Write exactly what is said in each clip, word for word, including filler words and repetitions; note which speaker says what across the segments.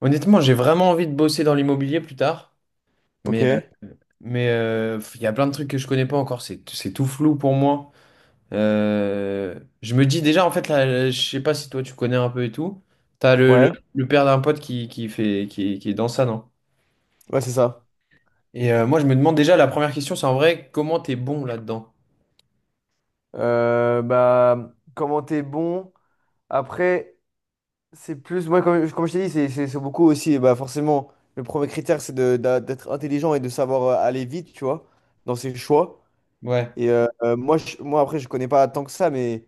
Speaker 1: Honnêtement, j'ai vraiment envie de bosser dans l'immobilier plus tard,
Speaker 2: Ok,
Speaker 1: mais euh, mais euh, il y a plein de trucs que je connais pas encore, c'est c'est tout flou pour moi. Euh, je me dis déjà en fait là, euh, je sais pas si toi tu connais un peu et tout. T'as le, le,
Speaker 2: ouais,
Speaker 1: le père d'un pote qui, qui fait qui, qui est dans ça, non?
Speaker 2: ouais, c'est ça.
Speaker 1: Et euh, moi je me demande déjà la première question, c'est en vrai comment t'es bon là-dedans?
Speaker 2: Euh, bah, comment t'es bon? Après, c'est plus, moi, comme, comme je t'ai dit, c'est c'est- c'est beaucoup aussi. Et bah, forcément, le premier critère, c'est de- d'a- d'être intelligent et de savoir euh, aller vite, tu vois, dans ses choix.
Speaker 1: Ouais.
Speaker 2: Et euh, euh, moi, je- moi, après, je connais pas tant que ça, mais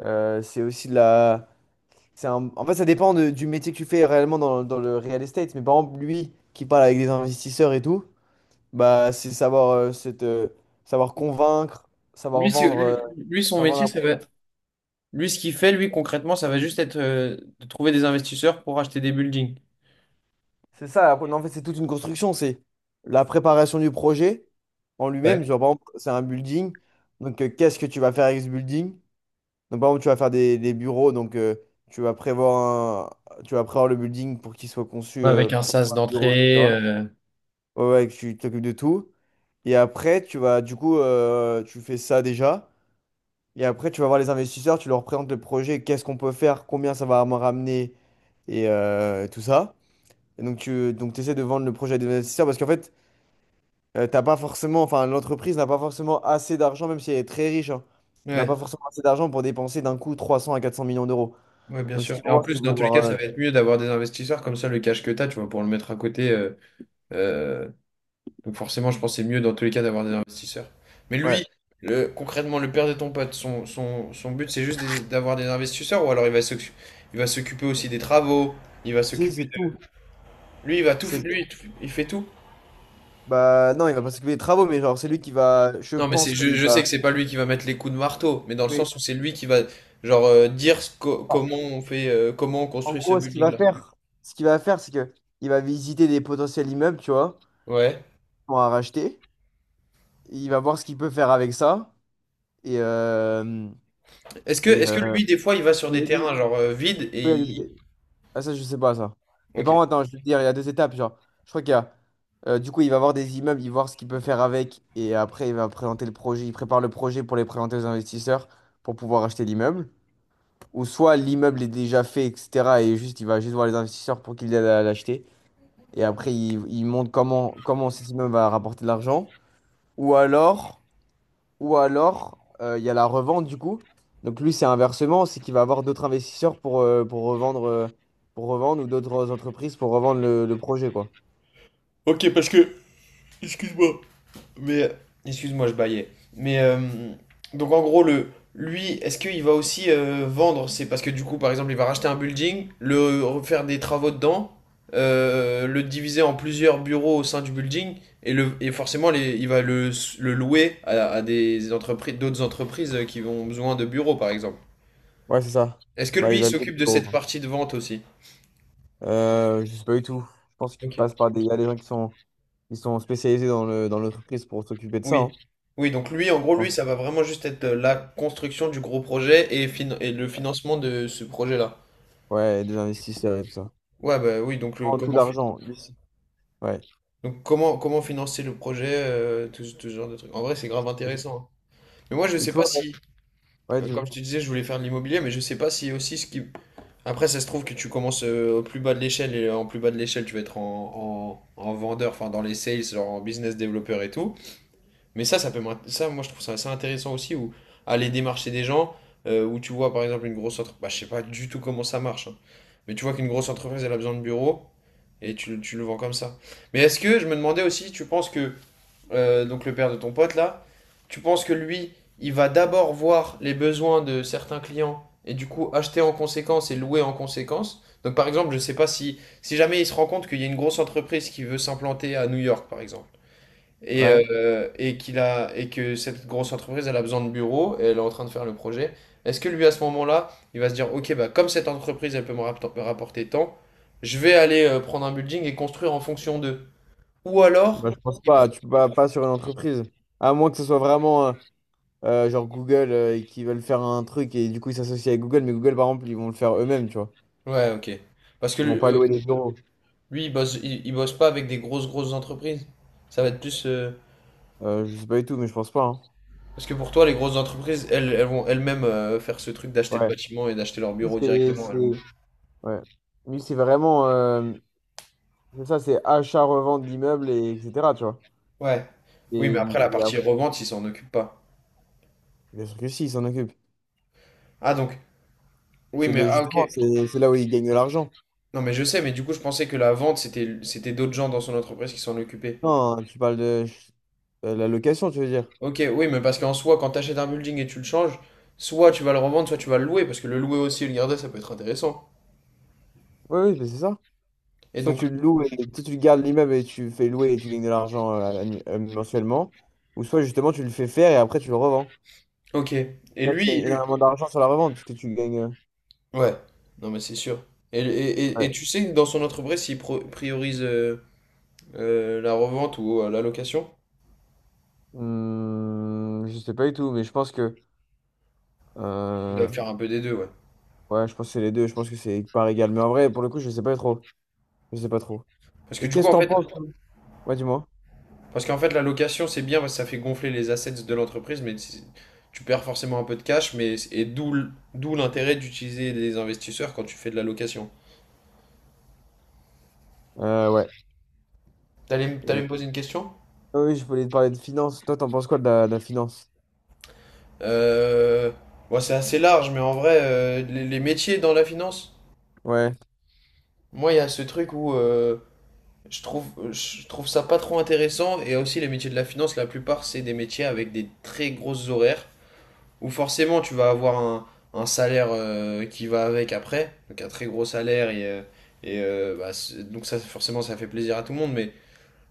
Speaker 2: euh, c'est aussi de la. c'est un- En fait, ça dépend de- du métier que tu fais réellement dans, dans le real estate. Mais par exemple, lui qui parle avec des investisseurs et tout, bah, c'est savoir, euh, cette, euh, savoir convaincre, savoir
Speaker 1: Lui, c'est-
Speaker 2: vendre. euh,
Speaker 1: lui, lui, son
Speaker 2: avant
Speaker 1: métier,
Speaker 2: d'un
Speaker 1: ça
Speaker 2: pro-
Speaker 1: va Lui, ce qu'il fait, lui, concrètement, ça va juste être euh, de trouver des investisseurs pour acheter des buildings.
Speaker 2: C'est ça, la pro- non, en fait, c'est toute une construction. C'est la préparation du projet en lui-même.
Speaker 1: Ouais.
Speaker 2: Genre, par exemple, c'est un building. Donc, euh, qu'est-ce que tu vas faire avec ce building? Donc, par exemple, tu vas faire des, des bureaux. Donc, euh, tu vas prévoir un- tu vas prévoir le building pour qu'il soit conçu euh,
Speaker 1: Avec un
Speaker 2: pour faire
Speaker 1: sas
Speaker 2: un bureau,
Speaker 1: d'entrée.
Speaker 2: et cetera.
Speaker 1: euh,
Speaker 2: Ouais, ouais, que tu t'occupes de tout. Et après, tu vas, du coup, euh, tu fais ça déjà. Et après, tu vas voir les investisseurs, tu leur présentes le projet, qu'est-ce qu'on peut faire, combien ça va me ramener et euh, tout ça. Et donc, tu donc, essaies de vendre le projet à des investisseurs parce qu'en fait, euh, t'as pas forcément, enfin, l'entreprise n'a pas forcément assez d'argent, même si elle est très riche, hein, n'a
Speaker 1: Ouais,
Speaker 2: pas forcément assez d'argent pour dépenser d'un coup trois cents à quatre cents millions d'euros.
Speaker 1: ouais, bien
Speaker 2: Donc, ce
Speaker 1: sûr.
Speaker 2: qu'ils
Speaker 1: Et
Speaker 2: vont
Speaker 1: en
Speaker 2: voir, c'est qu'ils
Speaker 1: plus, dans
Speaker 2: vont
Speaker 1: tous les cas,
Speaker 2: voir. euh,
Speaker 1: ça va être mieux d'avoir des investisseurs comme ça, le cash que tu as, tu vois, pour le mettre à côté. euh, euh, donc forcément, je pense que c'est mieux dans tous les cas d'avoir des investisseurs. Mais lui,
Speaker 2: ouais.
Speaker 1: le- concrètement, le père de ton pote, son, son, son but, c'est juste des- d'avoir des investisseurs ou alors il va s'occu- il va s'occuper aussi des travaux, il va
Speaker 2: Si,
Speaker 1: s'occuper.
Speaker 2: c'est tout.
Speaker 1: Lui, il va tout, f-
Speaker 2: C'est tout.
Speaker 1: lui, il tout- il fait tout.
Speaker 2: Bah, non, il va pas s'occuper des travaux, mais genre, c'est lui qui va, je
Speaker 1: Non, mais c'est,
Speaker 2: pense
Speaker 1: je,
Speaker 2: qu'il
Speaker 1: je sais que
Speaker 2: va.
Speaker 1: c'est pas lui qui va mettre les coups de marteau, mais dans le
Speaker 2: Oui.
Speaker 1: sens où c'est lui qui va, genre, euh, dire ce co- comment on fait, euh, comment on
Speaker 2: En
Speaker 1: construit ce
Speaker 2: gros, ce qu'il va
Speaker 1: building-là.
Speaker 2: faire, ce qu'il va faire, c'est que il va visiter des potentiels immeubles, tu vois,
Speaker 1: Ouais.
Speaker 2: pour en racheter. Il va voir ce qu'il peut faire avec ça. Et, euh,
Speaker 1: Est-ce que,
Speaker 2: et
Speaker 1: est-ce que
Speaker 2: euh,
Speaker 1: lui, des fois, il va sur
Speaker 2: il y
Speaker 1: des
Speaker 2: a des-
Speaker 1: terrains genre euh, vides et il...
Speaker 2: oui. Ah, ça, je sais pas, ça. Mais
Speaker 1: Ok.
Speaker 2: par contre, attends, je vais te dire, il y a deux étapes. Genre, je crois qu'il y a. Euh, du coup, il va voir des immeubles, il va voir ce qu'il peut faire avec. Et après, il va présenter le projet. Il prépare le projet pour les présenter aux investisseurs pour pouvoir acheter l'immeuble. Ou soit l'immeuble est déjà fait, et cetera. Et juste, il va juste voir les investisseurs pour qu'ils l'aident à l'acheter. Et après, il, il montre comment, comment cet immeuble va rapporter de l'argent. Ou alors. Ou alors, euh, il y a la revente du coup. Donc lui, c'est inversement, c'est qu'il va avoir d'autres investisseurs pour, euh, pour revendre, euh, pour revendre ou d'autres entreprises pour revendre le, le projet, quoi.
Speaker 1: Ok, parce que, excuse-moi, mais Excuse-moi, je baillais. Mais euh, donc en gros, le, lui, est-ce qu'il va aussi euh, vendre? C'est parce que du coup, par exemple, il va racheter un building, le refaire des travaux dedans, euh, le diviser en plusieurs bureaux au sein du building, et, le, et forcément, les- il va le, le louer à, à des entreprises, d'autres entreprises qui ont besoin de bureaux, par exemple.
Speaker 2: Ouais, c'est ça.
Speaker 1: Est-ce que
Speaker 2: Bah, il
Speaker 1: lui, il
Speaker 2: va louer des
Speaker 1: s'occupe de
Speaker 2: euros,
Speaker 1: cette
Speaker 2: quoi.
Speaker 1: partie de vente aussi?
Speaker 2: Euh, je sais pas du tout. Je pense qu'il passe
Speaker 1: Ok.
Speaker 2: par des... Il y a des gens qui sont, qui sont spécialisés dans le, dans l'entreprise pour s'occuper de ça,
Speaker 1: Oui.
Speaker 2: hein,
Speaker 1: Oui, donc lui, en
Speaker 2: je
Speaker 1: gros, lui,
Speaker 2: pense.
Speaker 1: ça va vraiment juste être euh, la construction du gros projet et, fin- et le financement de ce projet-là.
Speaker 2: Ouais, et des investisseurs et tout ça.
Speaker 1: Ouais, bah oui, donc le,
Speaker 2: Prends tout
Speaker 1: comment, fi-
Speaker 2: l'argent, ici. Ouais.
Speaker 1: donc comment, comment financer le projet, euh, tout, ce tout ce genre de trucs. En vrai, c'est grave intéressant. Hein. Mais moi, je
Speaker 2: Et
Speaker 1: sais pas
Speaker 2: toi?
Speaker 1: si,
Speaker 2: Ouais,
Speaker 1: euh,
Speaker 2: tu veux.
Speaker 1: comme je te disais, je voulais faire de l'immobilier, mais je sais pas si aussi ce qui... Après, ça se trouve que tu commences euh, au plus bas de l'échelle et euh, en plus bas de l'échelle, tu vas être en, en, en vendeur, enfin dans les sales, genre en business développeur et tout. Mais ça, ça peut m'int- ça, moi, je trouve ça assez intéressant aussi, où aller démarcher des gens, euh, où tu vois, par exemple, une grosse entreprise, bah, je sais pas du tout comment ça marche, hein. Mais tu vois qu'une grosse entreprise, elle a besoin de bureaux, et tu, tu le vends comme ça. Mais est-ce que, je me demandais aussi, tu penses que, euh, donc le père de ton pote, là, tu penses que lui, il va d'abord voir les besoins de certains clients, et du coup, acheter en conséquence et louer en conséquence? Donc, par exemple, je sais pas si, si jamais il se rend compte qu'il y a une grosse entreprise qui veut s'implanter à New York, par exemple. Et,
Speaker 2: Ouais.
Speaker 1: euh, et qu'il a, et que cette grosse entreprise, elle a besoin de bureaux et elle est en train de faire le projet. Est-ce que lui, à ce moment-là, il va se dire, OK, bah, comme cette entreprise, elle peut me rapp- rapporter tant, je vais aller euh, prendre un building et construire en fonction d'eux. Ou
Speaker 2: Bah,
Speaker 1: alors,
Speaker 2: je pense
Speaker 1: il prend.
Speaker 2: pas. Tu peux pas, pas sur une entreprise. À moins que ce soit vraiment... euh, Euh, genre Google euh, et qui veulent faire un truc et du coup ils s'associent avec Google, mais Google par exemple ils vont le faire eux-mêmes, tu vois.
Speaker 1: Ouais, OK. Parce que
Speaker 2: Ils
Speaker 1: lui,
Speaker 2: vont pas
Speaker 1: euh,
Speaker 2: louer des bureaux.
Speaker 1: lui, il bosse, il, il bosse pas avec des grosses, grosses entreprises. Ça va être plus. euh,
Speaker 2: Euh, je sais pas du tout, mais je pense pas, hein.
Speaker 1: Parce que pour toi, les grosses entreprises, elles, elles vont elles-mêmes euh, faire ce truc d'acheter le
Speaker 2: Ouais.
Speaker 1: bâtiment et d'acheter leur
Speaker 2: Lui,
Speaker 1: bureau
Speaker 2: c'est
Speaker 1: directement.
Speaker 2: c'est-
Speaker 1: Elles vont-
Speaker 2: ouais. Lui, c'est vraiment euh, c'est ça, c'est achat-revente d'immeubles et etc. Tu vois.
Speaker 1: Ouais. Oui,
Speaker 2: Et,
Speaker 1: mais après, la
Speaker 2: et
Speaker 1: partie
Speaker 2: après,
Speaker 1: revente, ils s'en occupent pas.
Speaker 2: Bien sûr que si, ils s'en occupent.
Speaker 1: Ah, donc Oui,
Speaker 2: C'est
Speaker 1: mais
Speaker 2: le
Speaker 1: ah ok.
Speaker 2: justement, c'est c'est là où ils gagnent de l'argent.
Speaker 1: Non, mais je sais, mais du coup, je pensais que la vente, c'était c'était d'autres gens dans son entreprise qui s'en occupaient.
Speaker 2: Non, tu parles de euh, la location, tu veux dire.
Speaker 1: Ok, oui, mais parce qu'en soi, quand tu achètes un building et tu le changes, soit tu vas le revendre, soit tu vas le louer, parce que le louer aussi et le garder, ça peut être intéressant.
Speaker 2: Oui, oui, mais c'est ça.
Speaker 1: Et
Speaker 2: Soit
Speaker 1: donc,
Speaker 2: tu le loues et soit tu gardes l'immeuble et tu fais louer et tu gagnes de l'argent euh, annu- euh, mensuellement. Ou soit justement tu le fais faire et après tu le revends.
Speaker 1: ok. Et
Speaker 2: Là tu
Speaker 1: lui,
Speaker 2: gagnes
Speaker 1: lui...
Speaker 2: énormément d'argent sur la revente parce que tu gagnes. euh,
Speaker 1: Ouais, non, mais c'est sûr. Et, et, et, et
Speaker 2: Ouais.
Speaker 1: tu sais, dans son entreprise, s'il pro- priorise euh, euh, la revente ou euh, la location,
Speaker 2: Hmm, je sais pas du tout, mais je pense que.
Speaker 1: il doit
Speaker 2: Euh,
Speaker 1: faire un peu des deux, ouais.
Speaker 2: Ouais, je pense que c'est les deux, je pense que c'est par égal. Mais en vrai, pour le coup, je sais pas trop. Je sais pas trop.
Speaker 1: Parce que
Speaker 2: Et
Speaker 1: du coup,
Speaker 2: qu'est-ce que
Speaker 1: en
Speaker 2: t'en
Speaker 1: fait,
Speaker 2: penses, toi? Ouais, dis-moi.
Speaker 1: parce qu'en fait, la location, c'est bien parce que ça fait gonfler les assets de l'entreprise, mais c'est- tu perds forcément un peu de cash, mais et d'où l- d'où l'intérêt d'utiliser des investisseurs quand tu fais de la location.
Speaker 2: Euh, ouais.
Speaker 1: T'allais, m- t'allais
Speaker 2: Et...
Speaker 1: me poser une question?
Speaker 2: Ah oui, je voulais te parler de finance. Toi, t'en penses quoi de la, de la finance?
Speaker 1: Euh, ouais, c'est assez large, mais en vrai, euh, les, les métiers dans la finance,
Speaker 2: Ouais.
Speaker 1: moi, il y a ce truc où euh, je trouve, je trouve ça pas trop intéressant, et aussi les métiers de la finance, la plupart, c'est des métiers avec des très grosses horaires. Où forcément tu vas avoir un, un salaire euh, qui va avec après, donc un très gros salaire et, euh, et euh, bah, donc ça forcément ça fait plaisir à tout le monde, mais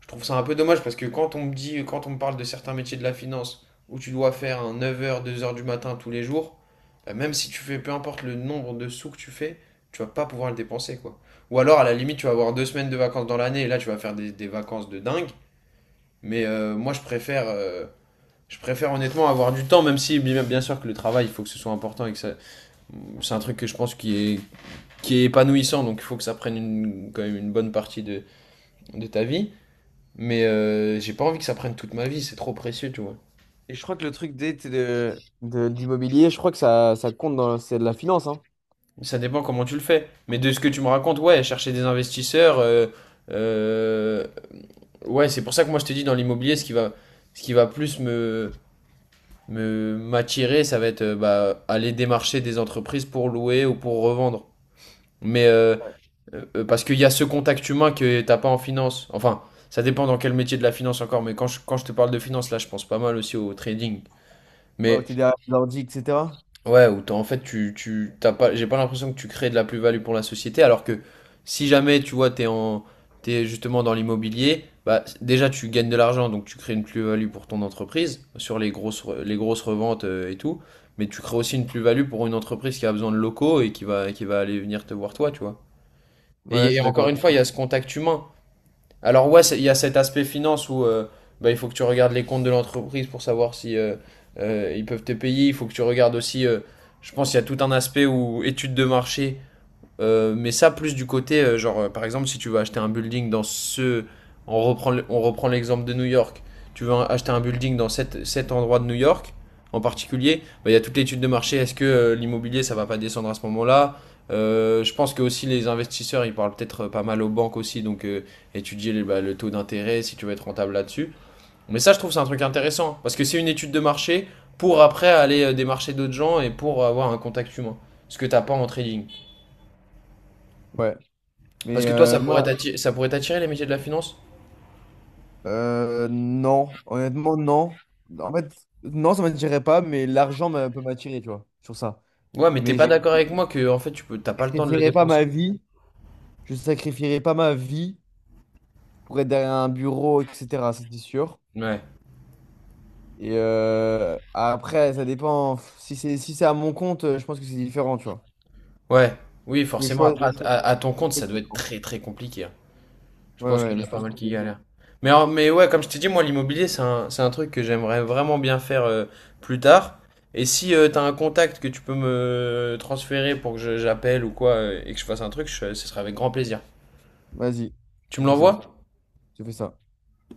Speaker 1: je trouve ça un peu dommage parce que quand on me dit, quand on me parle de certains métiers de la finance où tu dois faire un neuf heures deux heures du matin tous les jours, bah, même si tu fais peu importe le nombre de sous que tu fais, tu vas pas pouvoir le dépenser quoi. Ou alors à la limite tu vas avoir deux semaines de vacances dans l'année et là tu vas faire des, des vacances de dingue, mais euh, moi je préfère euh, je préfère honnêtement avoir du temps, même si bien sûr que le travail, il faut que ce soit important et que ça... c'est un truc que je pense qui est, qui est épanouissant, donc il faut que ça prenne une- quand même une bonne partie de, de ta vie. Mais euh, j'ai pas envie que ça prenne toute ma vie, c'est trop précieux, tu vois.
Speaker 2: Et je crois que le truc des- t'es de, de, l'immobilier je crois que ça, ça compte dans c'est de la finance, hein.
Speaker 1: Ça dépend comment tu le fais. Mais de ce que tu me racontes, ouais, chercher des investisseurs, euh, euh, ouais, c'est pour ça que moi je te dis dans l'immobilier, ce qui va, ce qui va plus me me m'attirer, ça va être euh, bah, aller démarcher des entreprises pour louer ou pour revendre. Mais euh, Euh, euh, parce qu'il y a ce contact humain que t'as pas en finance. Enfin, ça dépend dans quel métier de la finance encore, mais quand je, quand je te parle de finance, là, je pense pas mal aussi au trading.
Speaker 2: Ouais, où
Speaker 1: Mais
Speaker 2: t'es derrière l'ordi, et cetera.
Speaker 1: ouais, où t'as- en fait, tu, tu, t'as pas, j'ai pas l'impression que tu crées de la plus-value pour la société, alors que si jamais, tu vois, t'es en, t'es justement dans l'immobilier, bah, déjà, tu gagnes de l'argent, donc tu crées une plus-value pour ton entreprise, sur les grosses, re- les grosses reventes euh, et tout, mais tu crées aussi une plus-value pour une entreprise qui a besoin de locaux et qui va, qui va aller venir te voir toi, tu vois.
Speaker 2: Ouais, je
Speaker 1: Et, et
Speaker 2: suis d'accord
Speaker 1: encore une
Speaker 2: avec
Speaker 1: fois, il y a ce contact humain. Alors ouais, il y a cet aspect finance où euh, bah, il faut que tu regardes les comptes de l'entreprise pour savoir si euh, euh, ils peuvent te payer. Il faut que tu regardes aussi, euh, je pense, il y a tout un aspect où études de marché euh, mais ça, plus du côté, euh, genre, euh, par exemple, si tu veux acheter un building dans ce. On reprend, le- on reprend l'exemple de New York. Tu veux un- acheter un building dans cet, cet endroit de New York, en particulier, bah, il y a toute l'étude de marché. Est-ce que euh, l'immobilier, ça va pas descendre à ce moment-là? Euh, je pense que aussi les investisseurs, ils parlent peut-être euh, pas mal aux banques aussi, donc euh, étudier les- bah, le taux d'intérêt, si tu veux être rentable là-dessus. Mais ça, je trouve, c'est un truc intéressant, parce que c'est une étude de marché pour après aller euh, démarcher d'autres gens et pour avoir un contact humain. Ce que t'as pas en trading.
Speaker 2: toi. Ouais.
Speaker 1: Parce
Speaker 2: Mais
Speaker 1: que toi, ça
Speaker 2: euh,
Speaker 1: pourrait
Speaker 2: moi,
Speaker 1: t'attirer, ça pourrait t'attirer les métiers de la finance?
Speaker 2: euh, non. Honnêtement, non. En fait, non, ça m'attirerait pas, mais l'argent m'a- peut m'attirer, tu vois, sur ça.
Speaker 1: Ouais, mais t'es
Speaker 2: Mais
Speaker 1: pas
Speaker 2: je
Speaker 1: d'accord avec moi que en fait tu peux, t'as pas le temps de le
Speaker 2: sacrifierais pas
Speaker 1: dépenser.
Speaker 2: ma vie. Je sacrifierais pas ma vie pour être derrière un bureau, et cetera. Ça, c'est sûr.
Speaker 1: Ouais,
Speaker 2: Et euh, après, ça dépend. Si c'est si c'est à mon compte, je pense que c'est différent, tu vois.
Speaker 1: ouais, oui,
Speaker 2: Le
Speaker 1: forcément.
Speaker 2: choix,
Speaker 1: Après,
Speaker 2: le
Speaker 1: à,
Speaker 2: choix.
Speaker 1: à- à ton compte,
Speaker 2: le
Speaker 1: ça doit être
Speaker 2: choix-
Speaker 1: très très compliqué. Hein. Je
Speaker 2: Ouais,
Speaker 1: pense
Speaker 2: ouais,
Speaker 1: qu'il y en
Speaker 2: mais
Speaker 1: a
Speaker 2: je
Speaker 1: pas
Speaker 2: pense que
Speaker 1: mal qui
Speaker 2: c'est.
Speaker 1: galèrent. Mais en- mais ouais, comme je t'ai dit, moi l'immobilier, c'est un, c'est un truc que j'aimerais vraiment bien faire euh, plus tard. Et si euh, t'as un contact que tu peux me transférer pour que je- j'appelle ou quoi euh, et que je fasse un truc, je- ce sera avec grand plaisir.
Speaker 2: Vas-y,
Speaker 1: Tu
Speaker 2: tu
Speaker 1: me
Speaker 2: fais ça.
Speaker 1: l'envoies?
Speaker 2: Tu fais ça.